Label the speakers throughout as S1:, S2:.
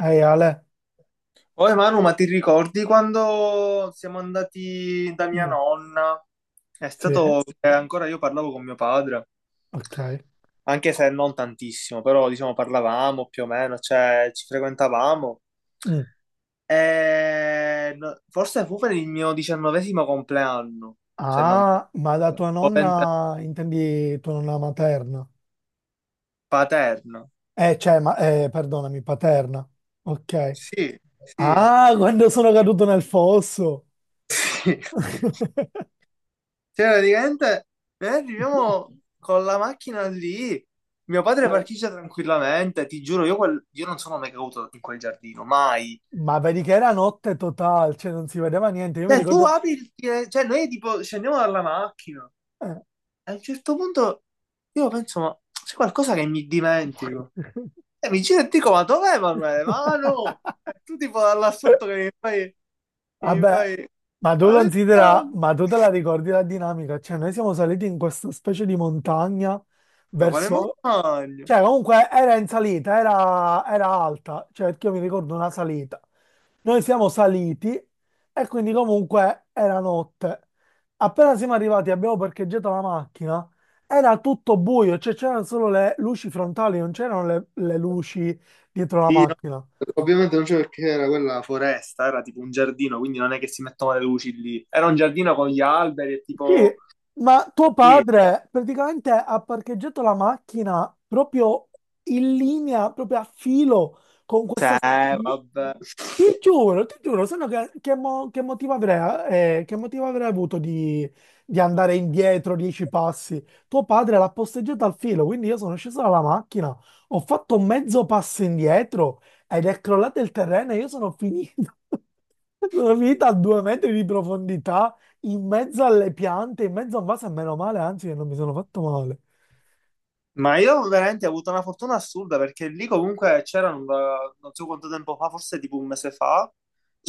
S1: Ehi Ale.
S2: Oh Emanuele, ma ti ricordi quando siamo andati da mia
S1: Mm.
S2: nonna? È
S1: Sì,
S2: stato che ancora io parlavo con mio padre,
S1: ok.
S2: anche se non tantissimo, però diciamo parlavamo più o meno, cioè ci frequentavamo.
S1: Mm.
S2: Forse fu per il mio 19° compleanno, se non mi
S1: Ah, ma da
S2: sbaglio,
S1: tua
S2: o 20°,
S1: nonna intendi tua nonna materna?
S2: paterno.
S1: Cioè, ma, perdonami, paterna. Ok.
S2: Sì, sì,
S1: Ah, quando sono caduto nel fosso.
S2: sì. Cioè, praticamente noi arriviamo con la macchina lì, mio padre parcheggia tranquillamente, ti giuro, io non sono mai caduto in quel giardino, mai.
S1: Ma vedi che era notte totale, cioè non si vedeva niente. Io mi
S2: Cioè, tu
S1: ricordo...
S2: apri il fine- cioè noi tipo scendiamo dalla macchina,
S1: eh.
S2: e a un certo punto io penso, ma c'è qualcosa che mi dimentico. E mi giro e dico, ma dov'è Emanuele? Ma no! E tu tipo da là sotto che mi fai, che mi
S1: Vabbè,
S2: fai,
S1: ma tu
S2: quale-
S1: considera, ma tu te la ricordi la dinamica? Cioè, noi siamo saliti in questa specie di montagna
S2: ma quale
S1: verso...
S2: montagna?
S1: Cioè, comunque era in salita, era alta, cioè perché io mi ricordo una salita. Noi siamo saliti e quindi comunque era notte. Appena siamo arrivati, abbiamo parcheggiato la macchina, era tutto buio, cioè c'erano solo le luci frontali, non c'erano le luci dietro la
S2: Sì,
S1: macchina.
S2: ovviamente non c'è perché era quella foresta, era tipo un giardino, quindi non è che si mettono le luci lì. Era un giardino con gli alberi e
S1: Sì,
S2: tipo...
S1: ma tuo
S2: Sì,
S1: padre praticamente ha parcheggiato la macchina proprio in linea, proprio a filo con questa specie
S2: cioè,
S1: di...
S2: vabbè.
S1: Ti giuro, se no che motivo avrei, che motivo avrei avuto di, andare indietro 10 passi? Tuo padre l'ha posteggiata al filo, quindi io sono sceso dalla macchina, ho fatto mezzo passo indietro ed è crollato il terreno e io sono finito. Sono finito a 2 metri di profondità, in mezzo alle piante, in mezzo a un vaso, e meno male, anzi, che non mi sono fatto male.
S2: Ma io veramente ho avuto una fortuna assurda perché lì comunque c'erano, non so quanto tempo fa, forse tipo un mese fa,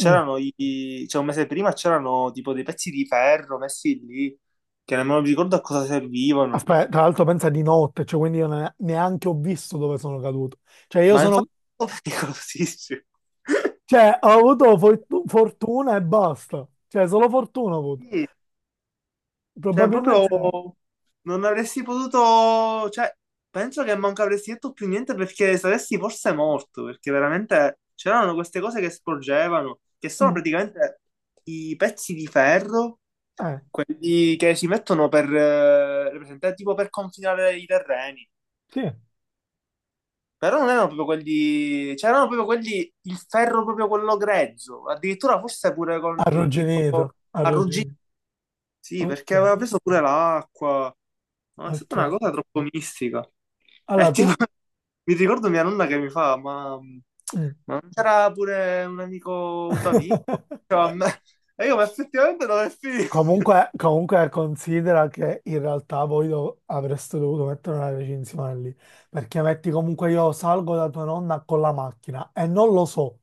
S1: Mm.
S2: cioè un mese prima c'erano tipo dei pezzi di ferro messi lì, che nemmeno mi ricordo a cosa servivano.
S1: Aspetta, tra l'altro pensa di notte, cioè quindi io neanche ho visto dove sono caduto. Cioè io
S2: Ma
S1: sono.
S2: infatti è pericolosissimo.
S1: Cioè, ho avuto fortuna e basta. Cioè, solo fortuna ho avuto.
S2: Cioè,
S1: Probabilmente...
S2: proprio non avresti potuto, cioè, penso che manco avresti detto più niente perché saresti forse morto, perché veramente c'erano queste cose che sporgevano, che sono
S1: Mm,
S2: praticamente i pezzi di ferro,
S1: eh,
S2: quelli che si mettono per, presente, tipo per confinare i terreni.
S1: sì.
S2: Però non erano proprio quelli, c'erano proprio quelli, il ferro proprio quello grezzo, addirittura forse pure con, tipo,
S1: Arrugginito,
S2: arrugginito.
S1: arrugginito.
S2: Sì,
S1: Ok,
S2: perché aveva preso pure l'acqua. Ma è stata una
S1: ok.
S2: cosa troppo mistica. E
S1: Allora,
S2: tipo,
S1: tu...
S2: mi ricordo mia nonna che mi fa,
S1: Mm.
S2: ma non c'era pure un amico, un tuo amico? Cioè, e io, ma effettivamente non è finito.
S1: Comunque, considera che in realtà voi avreste dovuto mettere una recinzione lì, perché metti comunque io salgo da tua nonna con la macchina e non lo so.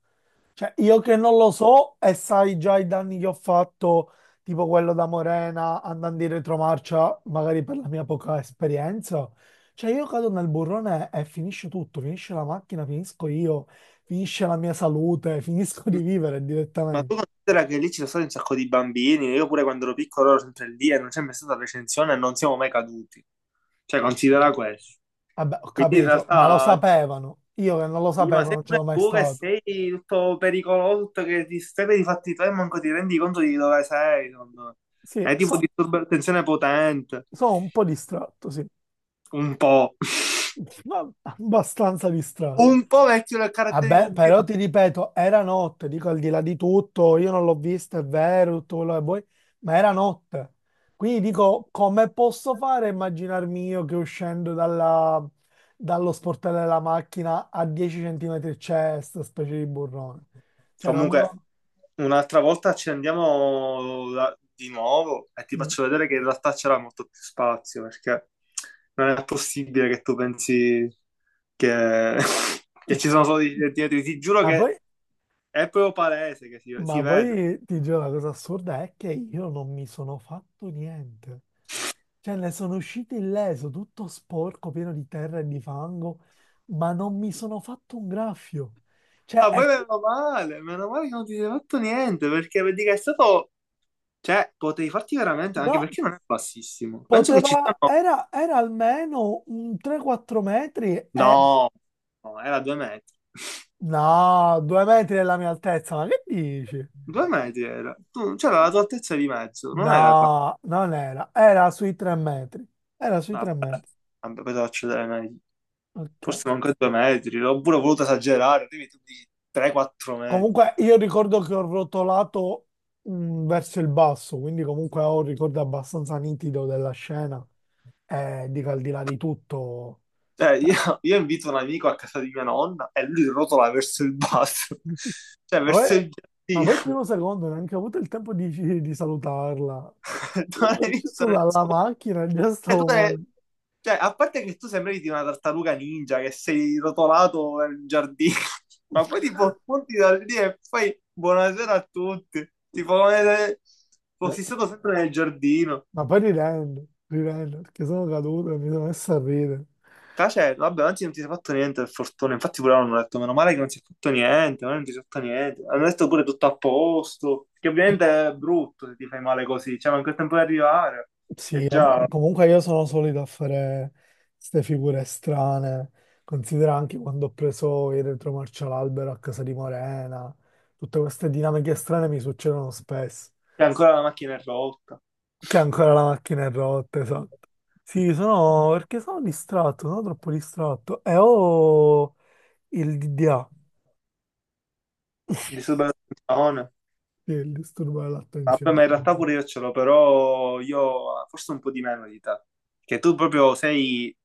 S1: Cioè, io che non lo so e sai già i danni che ho fatto, tipo quello da Morena, andando in retromarcia, magari per la mia poca esperienza. Cioè, io cado nel burrone e finisce tutto, finisce la macchina, finisco io, finisce la mia salute, finisco di vivere
S2: Ma
S1: direttamente.
S2: tu considera che lì ci sono stati un sacco di bambini, io pure quando ero piccolo ero sempre lì e non c'è mai stata recensione e non siamo mai caduti. Cioè,
S1: Cioè,
S2: considera questo.
S1: vabbè, ho
S2: Quindi in
S1: capito, ma lo
S2: realtà
S1: sapevano. Io che non lo
S2: Sì, ma
S1: sapevo
S2: sei
S1: non
S2: pure
S1: c'ero mai
S2: tu che
S1: stato.
S2: sei tutto pericoloso, tutto che ti stai di fatti tuoi e manco ti rendi conto di dove sei, secondo me.
S1: Sì,
S2: È tipo disturbo di attenzione potente.
S1: sono un po' distratto, sì,
S2: Un po'.
S1: ma abbastanza distratto.
S2: Un po' vecchio nel caratterico
S1: Vabbè,
S2: di.
S1: però ti ripeto, era notte, dico al di là di tutto, io non l'ho vista, è vero, tutto quello che vuoi, ma era notte. Quindi dico, come posso fare a immaginarmi io che uscendo dallo sportello della macchina a 10 centimetri c'è questa specie di burrone? Cioè, non me lo...
S2: Comunque, un'altra volta ci andiamo di nuovo e ti
S1: Mm.
S2: faccio vedere che in realtà c'era molto più spazio, perché non è possibile che tu pensi che, che ci sono solo i dietro. Ti giuro
S1: Ah,
S2: che
S1: poi
S2: è proprio palese che si
S1: Ma
S2: vede.
S1: poi ti giuro, la cosa assurda è che io non mi sono fatto niente. Cioè, ne sono uscito illeso, tutto sporco, pieno di terra e di fango, ma non mi sono fatto un graffio. Cioè,
S2: Ah, poi meno male che non ti sei fatto niente, perché vedi che è stato... Cioè, potevi farti veramente, anche
S1: no,
S2: perché non è bassissimo. Penso che ci
S1: poteva,
S2: siano...
S1: era almeno un 3-4 metri e...
S2: No, no, era 2 metri.
S1: No, 2 metri della mia altezza, ma che dici?
S2: 2 metri era. Tu, c'era la tua altezza di mezzo, non era quattro...
S1: No, non era, era sui 3 metri, era sui
S2: Vabbè,
S1: 3 metri.
S2: vabbè, poi devo accedere meglio.
S1: Ok.
S2: Forse manco 2 metri, oppure ho voluto esagerare, quindi tu dici 3-4 metri.
S1: Comunque io ricordo che ho rotolato verso il basso, quindi comunque ho un ricordo abbastanza nitido della scena e dico al di là di tutto.
S2: Cioè, io,
S1: Cioè,
S2: io invito un amico a casa di mia nonna e lui rotola verso il basso, cioè
S1: ma
S2: verso
S1: poi,
S2: il
S1: il
S2: giardino.
S1: primo secondo neanche ho avuto il tempo di salutarla. Io
S2: Non
S1: sono
S2: hai visto
S1: sceso dalla
S2: nessuno.
S1: macchina e già
S2: Eh, tu
S1: stavo
S2: te-
S1: morendo.
S2: cioè, a parte che tu sembri di una tartaruga ninja che sei rotolato nel giardino, ma poi tipo punti da lì e fai buonasera a tutti, tipo come se fossi stato sempre nel giardino.
S1: Ma poi ridendo, ridendo, perché sono caduto e mi sono messo a ridere.
S2: Cioè, vabbè, anzi non ti sei fatto niente per fortuna, infatti pure loro hanno detto meno male che non si è fatto niente, ma non ti sei fatto niente, hanno detto pure tutto a posto, che ovviamente è brutto se ti fai male così, cioè manca il tempo di arrivare
S1: Sì,
S2: e
S1: vabbè,
S2: già
S1: comunque io sono solito a fare queste figure strane. Considera anche quando ho preso il retromarcia all'albero a casa di Morena. Tutte queste dinamiche strane mi succedono spesso.
S2: e ancora la macchina è rotta,
S1: Che ancora la macchina è rotta, esatto. Sì, sono perché sono distratto, sono troppo distratto. E ho il DDA,
S2: disturba la.
S1: sì, il disturbo
S2: Vabbè,
S1: dell'attenzione.
S2: ma in realtà pure io ce l'ho, però io forse un po' di meno di te. Che tu proprio sei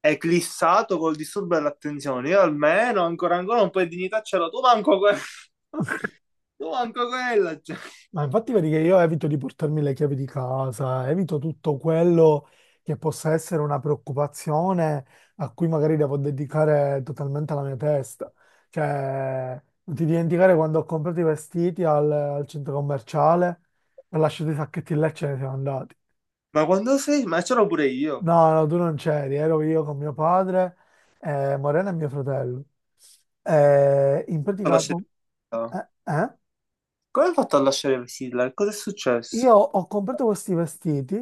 S2: eclissato col disturbo dell'attenzione. Io almeno ancora ancora un po' di dignità ce l'ho. Tu manco, tu manco quella. Cioè.
S1: Ma infatti vedi che io evito di portarmi le chiavi di casa, evito tutto quello che possa essere una preoccupazione a cui magari devo dedicare totalmente la mia testa. Cioè, non ti dimenticare quando ho comprato i vestiti al centro commerciale, ho lasciato i sacchetti là e ce ne siamo andati.
S2: Ma quando sei? Ma ce l'ho pure io.
S1: No, no, tu non c'eri, ero io con mio padre, Morena e mio fratello. In
S2: Ho
S1: pratica...
S2: lasciato- Fiddler.
S1: Eh?
S2: Come hai fatto a lasciare Sidler? Cosa è successo?
S1: Io ho comprato questi vestiti,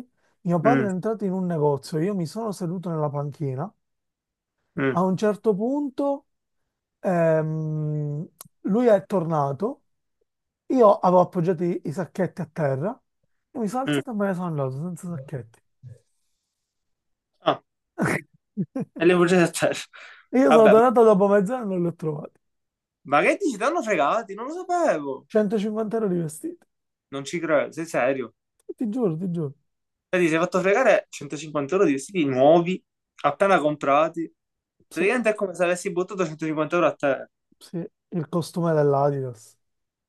S1: mio padre è
S2: Mm,
S1: entrato in un negozio, io mi sono seduto nella panchina, a
S2: mm,
S1: un certo punto ehm, lui è tornato, io avevo appoggiato i sacchetti a terra, e mi sono
S2: mm.
S1: alzato e me ne sono andato senza sacchetti.
S2: Ah, e le bugie a terra.
S1: Io sono
S2: Vabbè,
S1: tornato dopo mezz'ora e non li ho trovati.
S2: ma che dici? Ti hanno fregati? Non lo sapevo.
S1: 150 € di vestiti,
S2: Non ci credo, sei serio?
S1: ti giuro, ti giuro.
S2: Vedi, si è fatto fregare 150 euro di vestiti nuovi, appena comprati.
S1: Sì,
S2: Praticamente è come se avessi buttato 150 euro a te.
S1: sì, il costume dell'Adidas,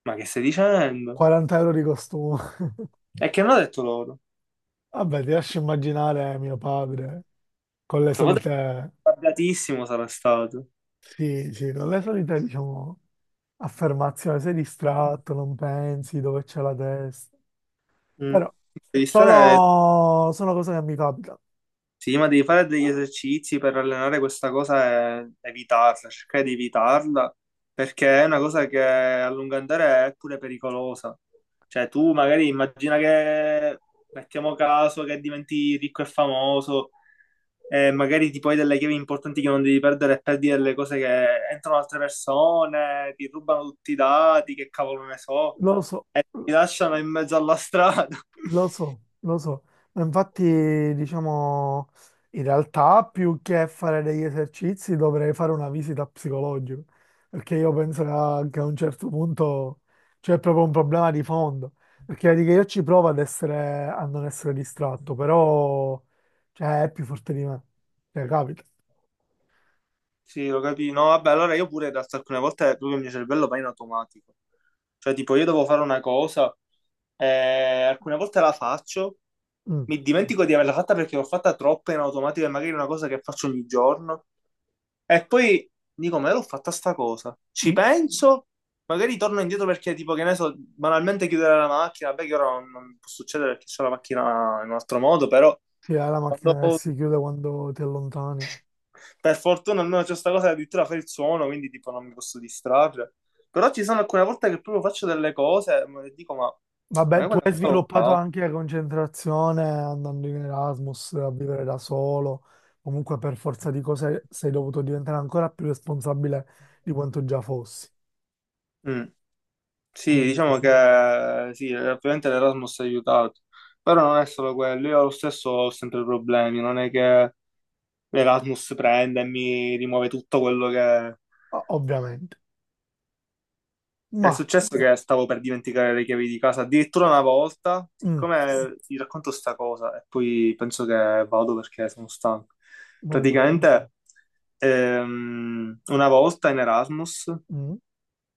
S2: Ma che stai dicendo?
S1: 40 € di costume.
S2: E che non ho detto loro.
S1: Vabbè, ti lascio immaginare mio padre. Con le
S2: Tuo padre
S1: solite,
S2: è arrabbiatissimo sarà stato.
S1: sì, sì, con le solite, diciamo, affermazioni, sei distratto, non pensi dove c'è la testa.
S2: Mm.
S1: Però
S2: Devi stare.
S1: sono cose che mi capitano,
S2: Sì, ma devi fare degli esercizi per allenare questa cosa e evitarla, cercare di evitarla, perché è una cosa che a lungo andare è pure pericolosa. Cioè, tu magari immagina che, mettiamo caso, che diventi ricco e famoso, e magari ti puoi delle chiavi importanti che non devi perdere e perdi delle cose che entrano altre persone, ti rubano tutti i dati, che cavolo ne so,
S1: lo so.
S2: ti lasciano in mezzo alla strada.
S1: Lo so, lo so, ma infatti diciamo in realtà più che fare degli esercizi dovrei fare una visita psicologica, perché io penso che a un certo punto c'è proprio un problema di fondo, perché vedi che io ci provo ad essere, a non essere distratto, però cioè, è più forte di me, cioè capita.
S2: Sì, lo capito. No, vabbè, allora io pure in realtà alcune volte proprio il mio cervello va in automatico. Cioè, tipo, io devo fare una cosa, alcune volte la faccio,
S1: Mm,
S2: mi dimentico di averla fatta perché l'ho fatta troppo in automatico e magari è una cosa che faccio ogni giorno. E poi dico, ma io l'ho fatta sta cosa? Ci
S1: mm.
S2: penso, magari torno indietro perché, tipo, che ne so, banalmente chiudere la macchina, beh, che ora non può succedere perché c'è la macchina in un altro modo, però
S1: Sì, è la
S2: quando...
S1: macchina che si chiude quando ti allontani.
S2: Per fortuna almeno c'è questa cosa che addirittura fa il suono, quindi tipo non mi posso distrarre. Però ci sono alcune volte che proprio faccio delle cose e dico, ma,
S1: Vabbè,
S2: io
S1: tu
S2: quella
S1: hai
S2: cosa l'ho
S1: sviluppato
S2: fatta.
S1: anche la concentrazione andando in Erasmus a vivere da solo. Comunque, per forza di cose, sei dovuto diventare ancora più responsabile di quanto già fossi.
S2: Mm. Sì,
S1: Quindi,
S2: diciamo che sì, ovviamente l'Erasmus ha aiutato, però non è solo quello, io lo stesso ho sempre problemi, non è che l'Erasmus prende e mi rimuove tutto quello che...
S1: ovviamente.
S2: È
S1: Ma,
S2: successo che stavo per dimenticare le chiavi di casa, addirittura una volta,
S1: mm,
S2: siccome ti racconto sta cosa e poi penso che vado perché sono stanco.
S1: vabbè,
S2: Praticamente una volta in Erasmus,
S1: mm,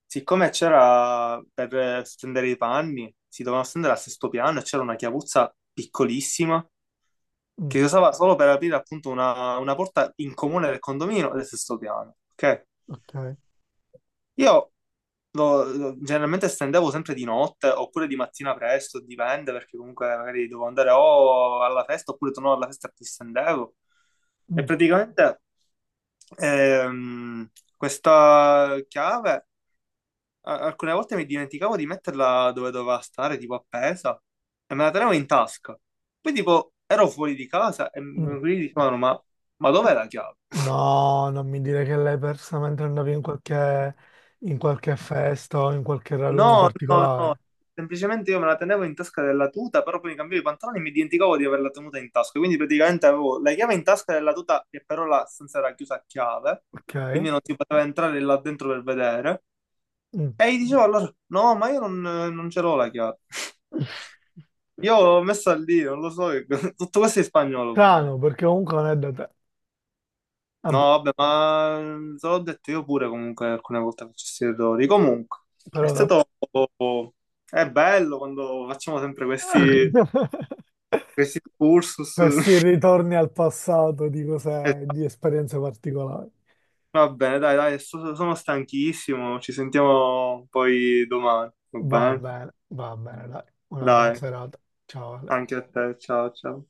S2: siccome c'era per stendere i panni, si dovevano stendere al sesto piano e c'era una chiavuzza piccolissima
S1: mm,
S2: che si usava solo per aprire appunto una porta in comune del condominio del sesto piano, ok?
S1: ok.
S2: Io generalmente stendevo sempre di notte oppure di mattina presto, dipende perché comunque magari dovevo andare o alla festa oppure tornavo alla festa e ti stendevo. E
S1: Mm,
S2: praticamente ehm, questa chiave alcune volte mi dimenticavo di metterla dove doveva stare, tipo appesa, e me la tenevo in tasca. Poi tipo ero fuori di casa e
S1: mm.
S2: mi dicevano ma, dov'è la chiave?
S1: No, non mi dire che l'hai persa mentre andavi in qualche, festa o in qualche raduno
S2: No, no, no,
S1: particolare.
S2: semplicemente io me la tenevo in tasca della tuta, però poi mi cambiavo i pantaloni e mi dimenticavo di averla tenuta in tasca, quindi praticamente avevo la chiave in tasca della tuta che però la stanza era chiusa a chiave,
S1: Ok?
S2: quindi non si poteva entrare là dentro per vedere,
S1: Mm.
S2: e gli dicevo allora, no, ma io non ce l'ho la chiave, io l'ho messa lì, non lo so, che- tutto questo è in spagnolo
S1: Strano,
S2: ovviamente.
S1: perché comunque non è da te.
S2: No,
S1: Vabbè,
S2: vabbè, ma te l'ho detto io pure comunque alcune volte faccio questi errori, comunque, è
S1: però vabbè.
S2: stato... È bello quando facciamo sempre questi... Questi excursus,
S1: Questi ritorni al passato di cose,
S2: esatto,
S1: di esperienze particolari.
S2: va bene, dai, dai, sono stanchissimo, ci sentiamo poi domani, va bene?
S1: Va bene, dai. Una buona
S2: Dai,
S1: serata. Ciao, Ale.
S2: anche a te, ciao, ciao.